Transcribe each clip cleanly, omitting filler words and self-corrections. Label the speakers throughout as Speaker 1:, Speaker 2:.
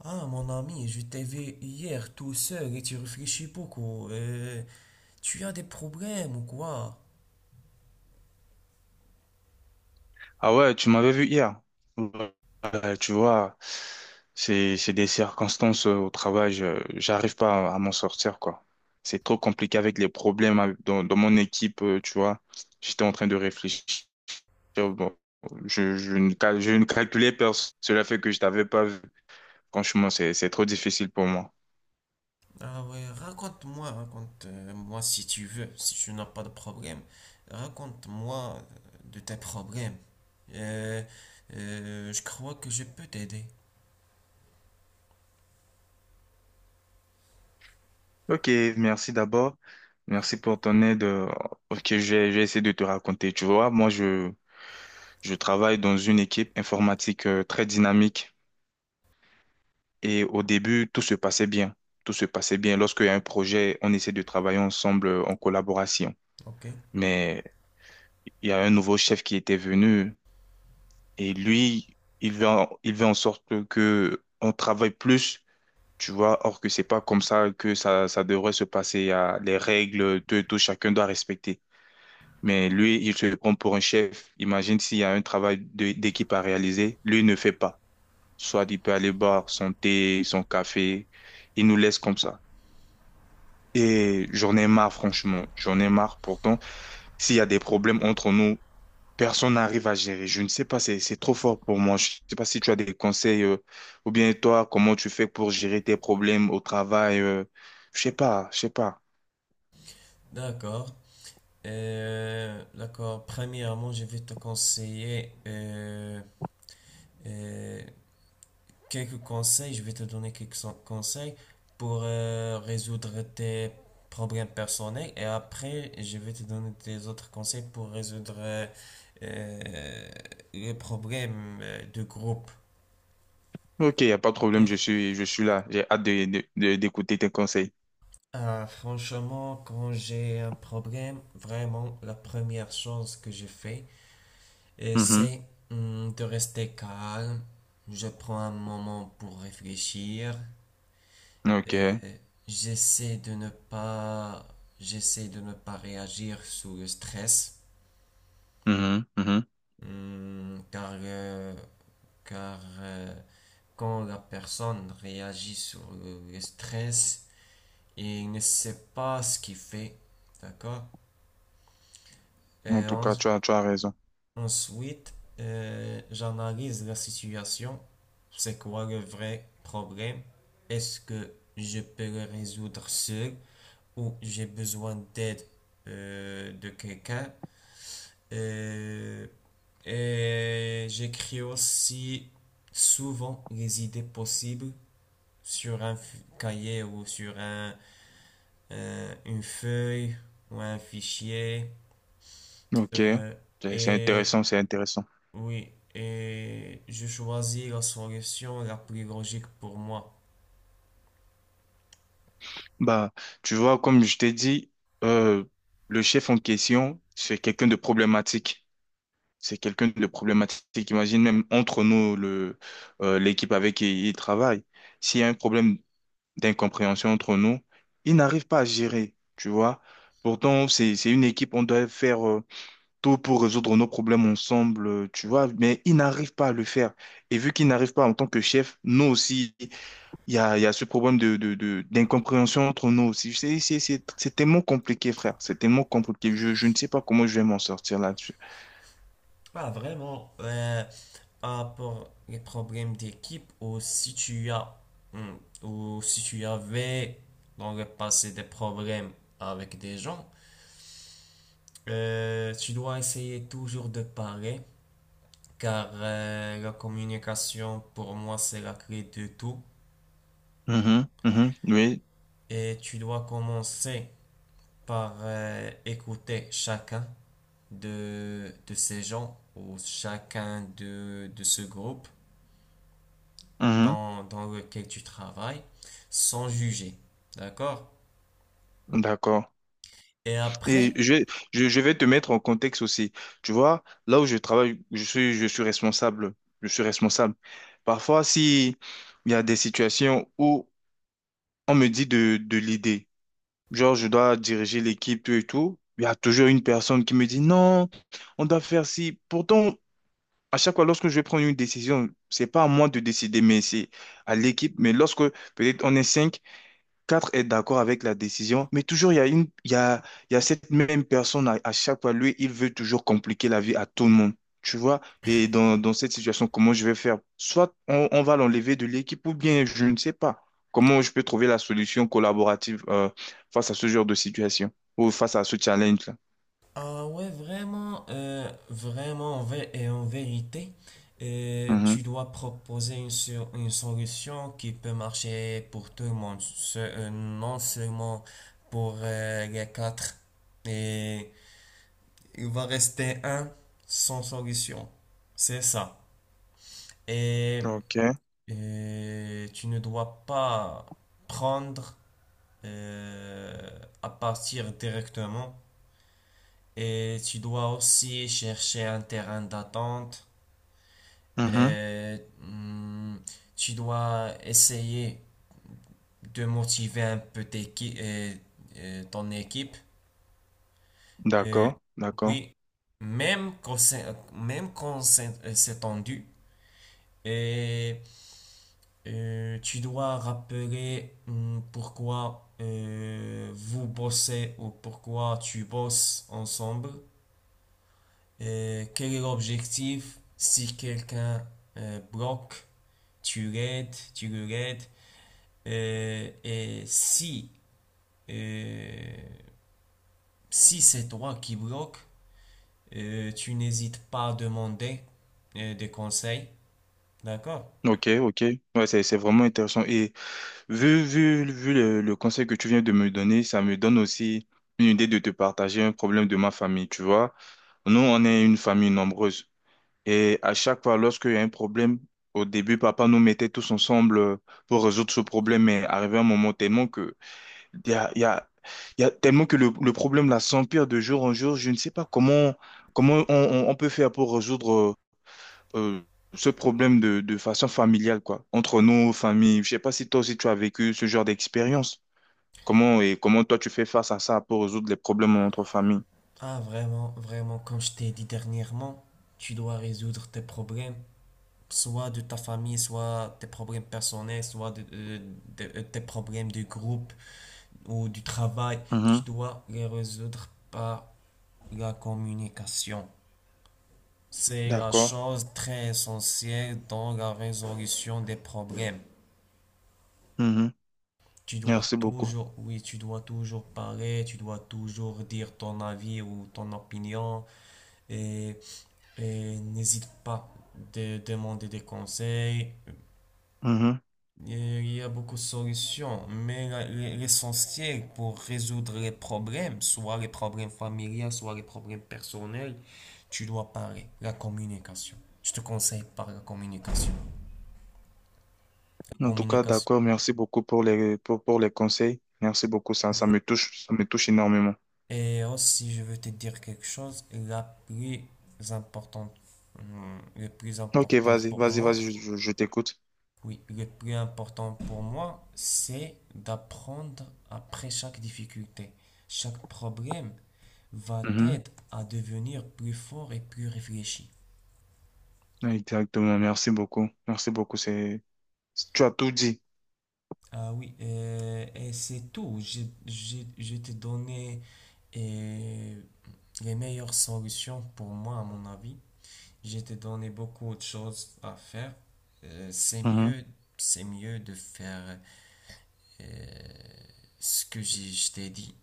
Speaker 1: Ah, mon ami, je t'ai vu hier tout seul et tu réfléchis beaucoup. Tu as des problèmes ou quoi?
Speaker 2: Ah ouais, tu m'avais vu hier. Tu vois, c'est des circonstances au travail, j'arrive pas à, à m'en sortir quoi. C'est trop compliqué avec les problèmes dans, dans mon équipe, tu vois. J'étais en train de réfléchir. Bon, je ne calculais personne. Cela fait que je t'avais pas vu. Franchement, c'est trop difficile pour moi.
Speaker 1: Ah ouais, raconte-moi, raconte-moi si tu veux, si tu n'as pas de problème. Raconte-moi de tes problèmes. Euh, je crois que je peux t'aider,
Speaker 2: Ok, merci d'abord. Merci pour ton aide. Ok, j'ai essayé de te raconter. Tu vois, moi, je travaille dans une équipe informatique très dynamique. Et au début, tout se passait bien. Tout se passait bien. Lorsqu'il y a un projet, on essaie de travailler ensemble en collaboration.
Speaker 1: ok?
Speaker 2: Mais il y a un nouveau chef qui était venu et lui, il veut en sorte que on travaille plus, tu vois. Or que c'est pas comme ça que ça devrait se passer. Il y a les règles, tout, et tout, chacun doit respecter. Mais lui, il se prend pour un chef. Imagine s'il y a un travail d'équipe à réaliser, lui il ne fait pas. Soit il peut aller boire son thé, son café, il nous laisse comme ça. Et j'en ai marre, franchement. J'en ai marre. Pourtant, s'il y a des problèmes entre nous, personne n'arrive à gérer. Je ne sais pas, c'est trop fort pour moi. Je ne sais pas si tu as des conseils, ou bien toi, comment tu fais pour gérer tes problèmes au travail. Je sais pas, je sais pas.
Speaker 1: D'accord. D'accord. Premièrement, je vais te conseiller euh, quelques conseils, je vais te donner conseils pour résoudre tes problèmes personnels et après je vais te donner des autres conseils pour résoudre euh, les problèmes de groupe.
Speaker 2: Ok, il n'y a pas de
Speaker 1: Ok.
Speaker 2: problème, je suis là. J'ai hâte de, d'écouter tes conseils.
Speaker 1: Ah, franchement, quand j'ai un problème, vraiment la première chose que je fais,
Speaker 2: Mhm.
Speaker 1: c'est de rester calme. Je prends un moment pour réfléchir. Euh,
Speaker 2: Ok.
Speaker 1: j'essaie de ne pas, j'essaie de ne pas réagir sous le stress.
Speaker 2: Mhm, mhm.
Speaker 1: Car, car euh, quand la personne réagit sur le stress, il ne sait pas ce qu'il fait, d'accord?
Speaker 2: En
Speaker 1: Et
Speaker 2: tout
Speaker 1: en-
Speaker 2: cas, tu as raison.
Speaker 1: Ensuite, j'analyse la situation. C'est quoi le vrai problème? Est-ce que je peux le résoudre seul? Ou j'ai besoin d'aide de quelqu'un. Euh, et j'écris aussi souvent les idées possibles sur un cahier ou sur une feuille ou un fichier.
Speaker 2: Ok.
Speaker 1: Euh,
Speaker 2: C'est
Speaker 1: et
Speaker 2: intéressant, c'est intéressant.
Speaker 1: oui, et je choisis la solution la plus logique pour moi.
Speaker 2: Bah, tu vois, comme je t'ai dit, euh, le chef en question, c'est quelqu'un de problématique. C'est quelqu'un de problématique. Imagine même entre nous, l'équipe avec qui il travaille. S'il y a un problème d'incompréhension entre nous, il n'arrive pas à gérer, tu vois. Pourtant, c'est une équipe, on doit faire tout pour résoudre nos problèmes ensemble, tu vois, mais il n'arrive pas à le faire. Et vu qu'il n'arrive pas en tant que chef, nous aussi, il y a ce problème d'incompréhension entre nous aussi. C'est tellement compliqué, frère. C'est tellement compliqué. Je ne sais pas comment je vais m'en sortir là-dessus.
Speaker 1: Ah, vraiment, rapport les problèmes d'équipe ou si tu as hmm, ou si tu avais dans le passé des problèmes avec des gens, tu dois essayer toujours de parler, car la communication pour moi c'est la clé de tout,
Speaker 2: Mhm, mhm, oui,
Speaker 1: et tu dois commencer par écouter chacun de ces gens ou chacun de ce groupe
Speaker 2: mhm,
Speaker 1: dans, dans lequel tu travailles sans juger, d'accord?
Speaker 2: d'accord.
Speaker 1: Et
Speaker 2: Et
Speaker 1: après,
Speaker 2: je vais te mettre en contexte aussi. Tu vois, là où je travaille, je suis responsable. Je suis responsable. Parfois, si il y a des situations où on me dit de l'idée, genre je dois diriger l'équipe, tout et tout, il y a toujours une personne qui me dit non, on doit faire ci. Pourtant, à chaque fois, lorsque je vais prendre une décision, c'est pas à moi de décider, mais c'est à l'équipe. Mais lorsque peut-être on est cinq, quatre est d'accord avec la décision, mais toujours il y a une, il y a cette même personne à chaque fois. Lui, il veut toujours compliquer la vie à tout le monde. Tu vois? Et dans cette situation, comment je vais faire? Soit on va l'enlever de l'équipe ou bien je ne sais pas. Comment je peux trouver la solution collaborative face à ce genre de situation ou face à ce challenge-là?
Speaker 1: ah ouais, vraiment, vraiment, en vé- et en vérité,
Speaker 2: Mhm.
Speaker 1: tu dois proposer une solution qui peut marcher pour tout le monde, non seulement pour les quatre. Et il va rester un sans solution. C'est ça. Et
Speaker 2: OK.
Speaker 1: tu ne dois pas prendre euh, à partir directement. Et tu dois aussi chercher un terrain d'attente.
Speaker 2: Mhm.
Speaker 1: Et, tu dois essayer de motiver un peu ton équipe. Euh,
Speaker 2: D'accord, d'accord.
Speaker 1: oui, même quand c'est, même quand c'est tendu. Et tu dois rappeler, pourquoi vous bossez ou pourquoi tu bosses ensemble. Quel est l'objectif? Si quelqu'un bloque, tu l'aides, tu le l'aides. Euh, et si, euh, si c'est toi qui bloque, tu n'hésites pas à demander des conseils. D'accord?
Speaker 2: Ok, ok. Ouais, c'est vraiment intéressant. Et vu le conseil que tu viens de me donner, ça me donne aussi une idée de te partager un problème de ma famille, tu vois. Nous, on est une famille nombreuse. Et à chaque fois, lorsqu'il y a un problème, au début, papa nous mettait tous ensemble pour résoudre ce problème. Mais arrivé un moment tellement que, il y a, il y a, il y a tellement que le problème là s'empire de jour en jour. Je ne sais pas comment, comment on on peut faire pour résoudre euh, ce problème de façon familiale, quoi, entre nos familles. Je sais pas si toi aussi tu as vécu ce genre d'expérience. Comment et comment toi tu fais face à ça pour résoudre les problèmes entre familles.
Speaker 1: Ah, vraiment, vraiment, comme je t'ai dit dernièrement, tu dois résoudre tes problèmes, soit de ta famille, soit tes problèmes personnels, soit tes problèmes de groupe ou du travail, tu
Speaker 2: Mhm.
Speaker 1: dois les résoudre par la communication. C'est la
Speaker 2: D'accord.
Speaker 1: chose très essentielle dans la résolution des problèmes.
Speaker 2: Mhm.
Speaker 1: Tu dois
Speaker 2: Merci beaucoup.
Speaker 1: toujours, oui, tu dois toujours parler, tu dois toujours dire ton avis ou ton opinion, et, et n'hésite pas de demander des conseils.
Speaker 2: Mhm.
Speaker 1: Il y a beaucoup de solutions, mais l'essentiel pour résoudre les problèmes, soit les problèmes familiaux, soit les problèmes personnels, tu dois parler. La communication. Je te conseille par la communication. La
Speaker 2: En tout cas,
Speaker 1: communication.
Speaker 2: d'accord. Merci beaucoup pour les conseils. Merci beaucoup.
Speaker 1: Oui.
Speaker 2: Ça me touche énormément.
Speaker 1: Et aussi, je veux te dire quelque chose, importante, le plus
Speaker 2: Ok,
Speaker 1: important
Speaker 2: vas-y,
Speaker 1: pour
Speaker 2: vas-y,
Speaker 1: moi,
Speaker 2: vas-y, je t'écoute.
Speaker 1: oui, le plus important pour moi, c'est d'apprendre après chaque difficulté. Chaque problème va
Speaker 2: Mhm.
Speaker 1: t'aider à devenir plus fort et plus réfléchi.
Speaker 2: Exactement. Merci beaucoup. Merci beaucoup. C'est, tu as tout dit.
Speaker 1: Ah oui, et c'est tout. Je t'ai donné euh, les meilleures solutions pour moi, à mon avis. Je t'ai donné beaucoup de choses à faire. C'est
Speaker 2: Mhm.
Speaker 1: mieux, c'est mieux de faire euh, ce que je t'ai dit.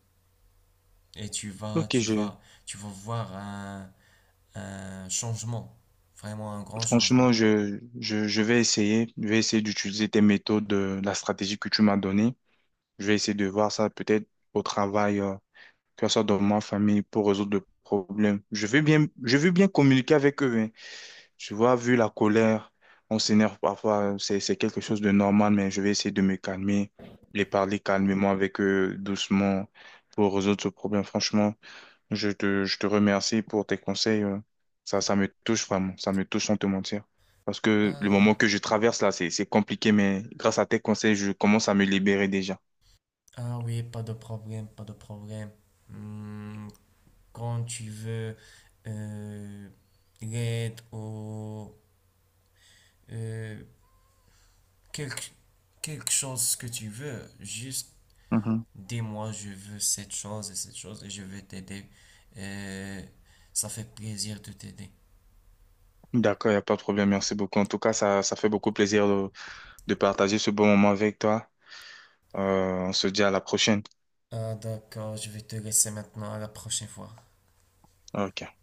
Speaker 1: Et
Speaker 2: Ok, je,
Speaker 1: tu vas voir un changement, vraiment un grand changement.
Speaker 2: Franchement, je vais essayer. Je vais essayer d'utiliser tes méthodes, la stratégie que tu m'as donnée. Je vais essayer de voir ça peut-être au travail, que ce soit dans ma famille, pour résoudre le problème. Je veux bien communiquer avec eux, hein. Tu vois, vu la colère, on s'énerve parfois. C'est quelque chose de normal, mais je vais essayer de me calmer, les parler calmement avec eux, doucement, pour résoudre ce problème. Franchement. Je te remercie pour tes conseils. Ça, ça me touche vraiment. Ça me touche sans te mentir. Parce que le moment
Speaker 1: Ah,
Speaker 2: que je traverse là, c'est compliqué, mais grâce à tes conseils, je commence à me libérer déjà.
Speaker 1: ah oui, pas de problème, pas de problème. Hmm, Quand tu veux euh, l'aide ou euh, quelque, quelque chose que tu veux, juste
Speaker 2: Mhm.
Speaker 1: dis-moi, je veux cette chose et je vais t'aider. Euh, ça fait plaisir de t'aider.
Speaker 2: D'accord, il n'y a pas de problème. Merci beaucoup. En tout cas, ça fait beaucoup plaisir de partager ce bon moment avec toi. On se dit à la prochaine.
Speaker 1: Ah d'accord, je vais te laisser maintenant, à la prochaine fois.
Speaker 2: Ok.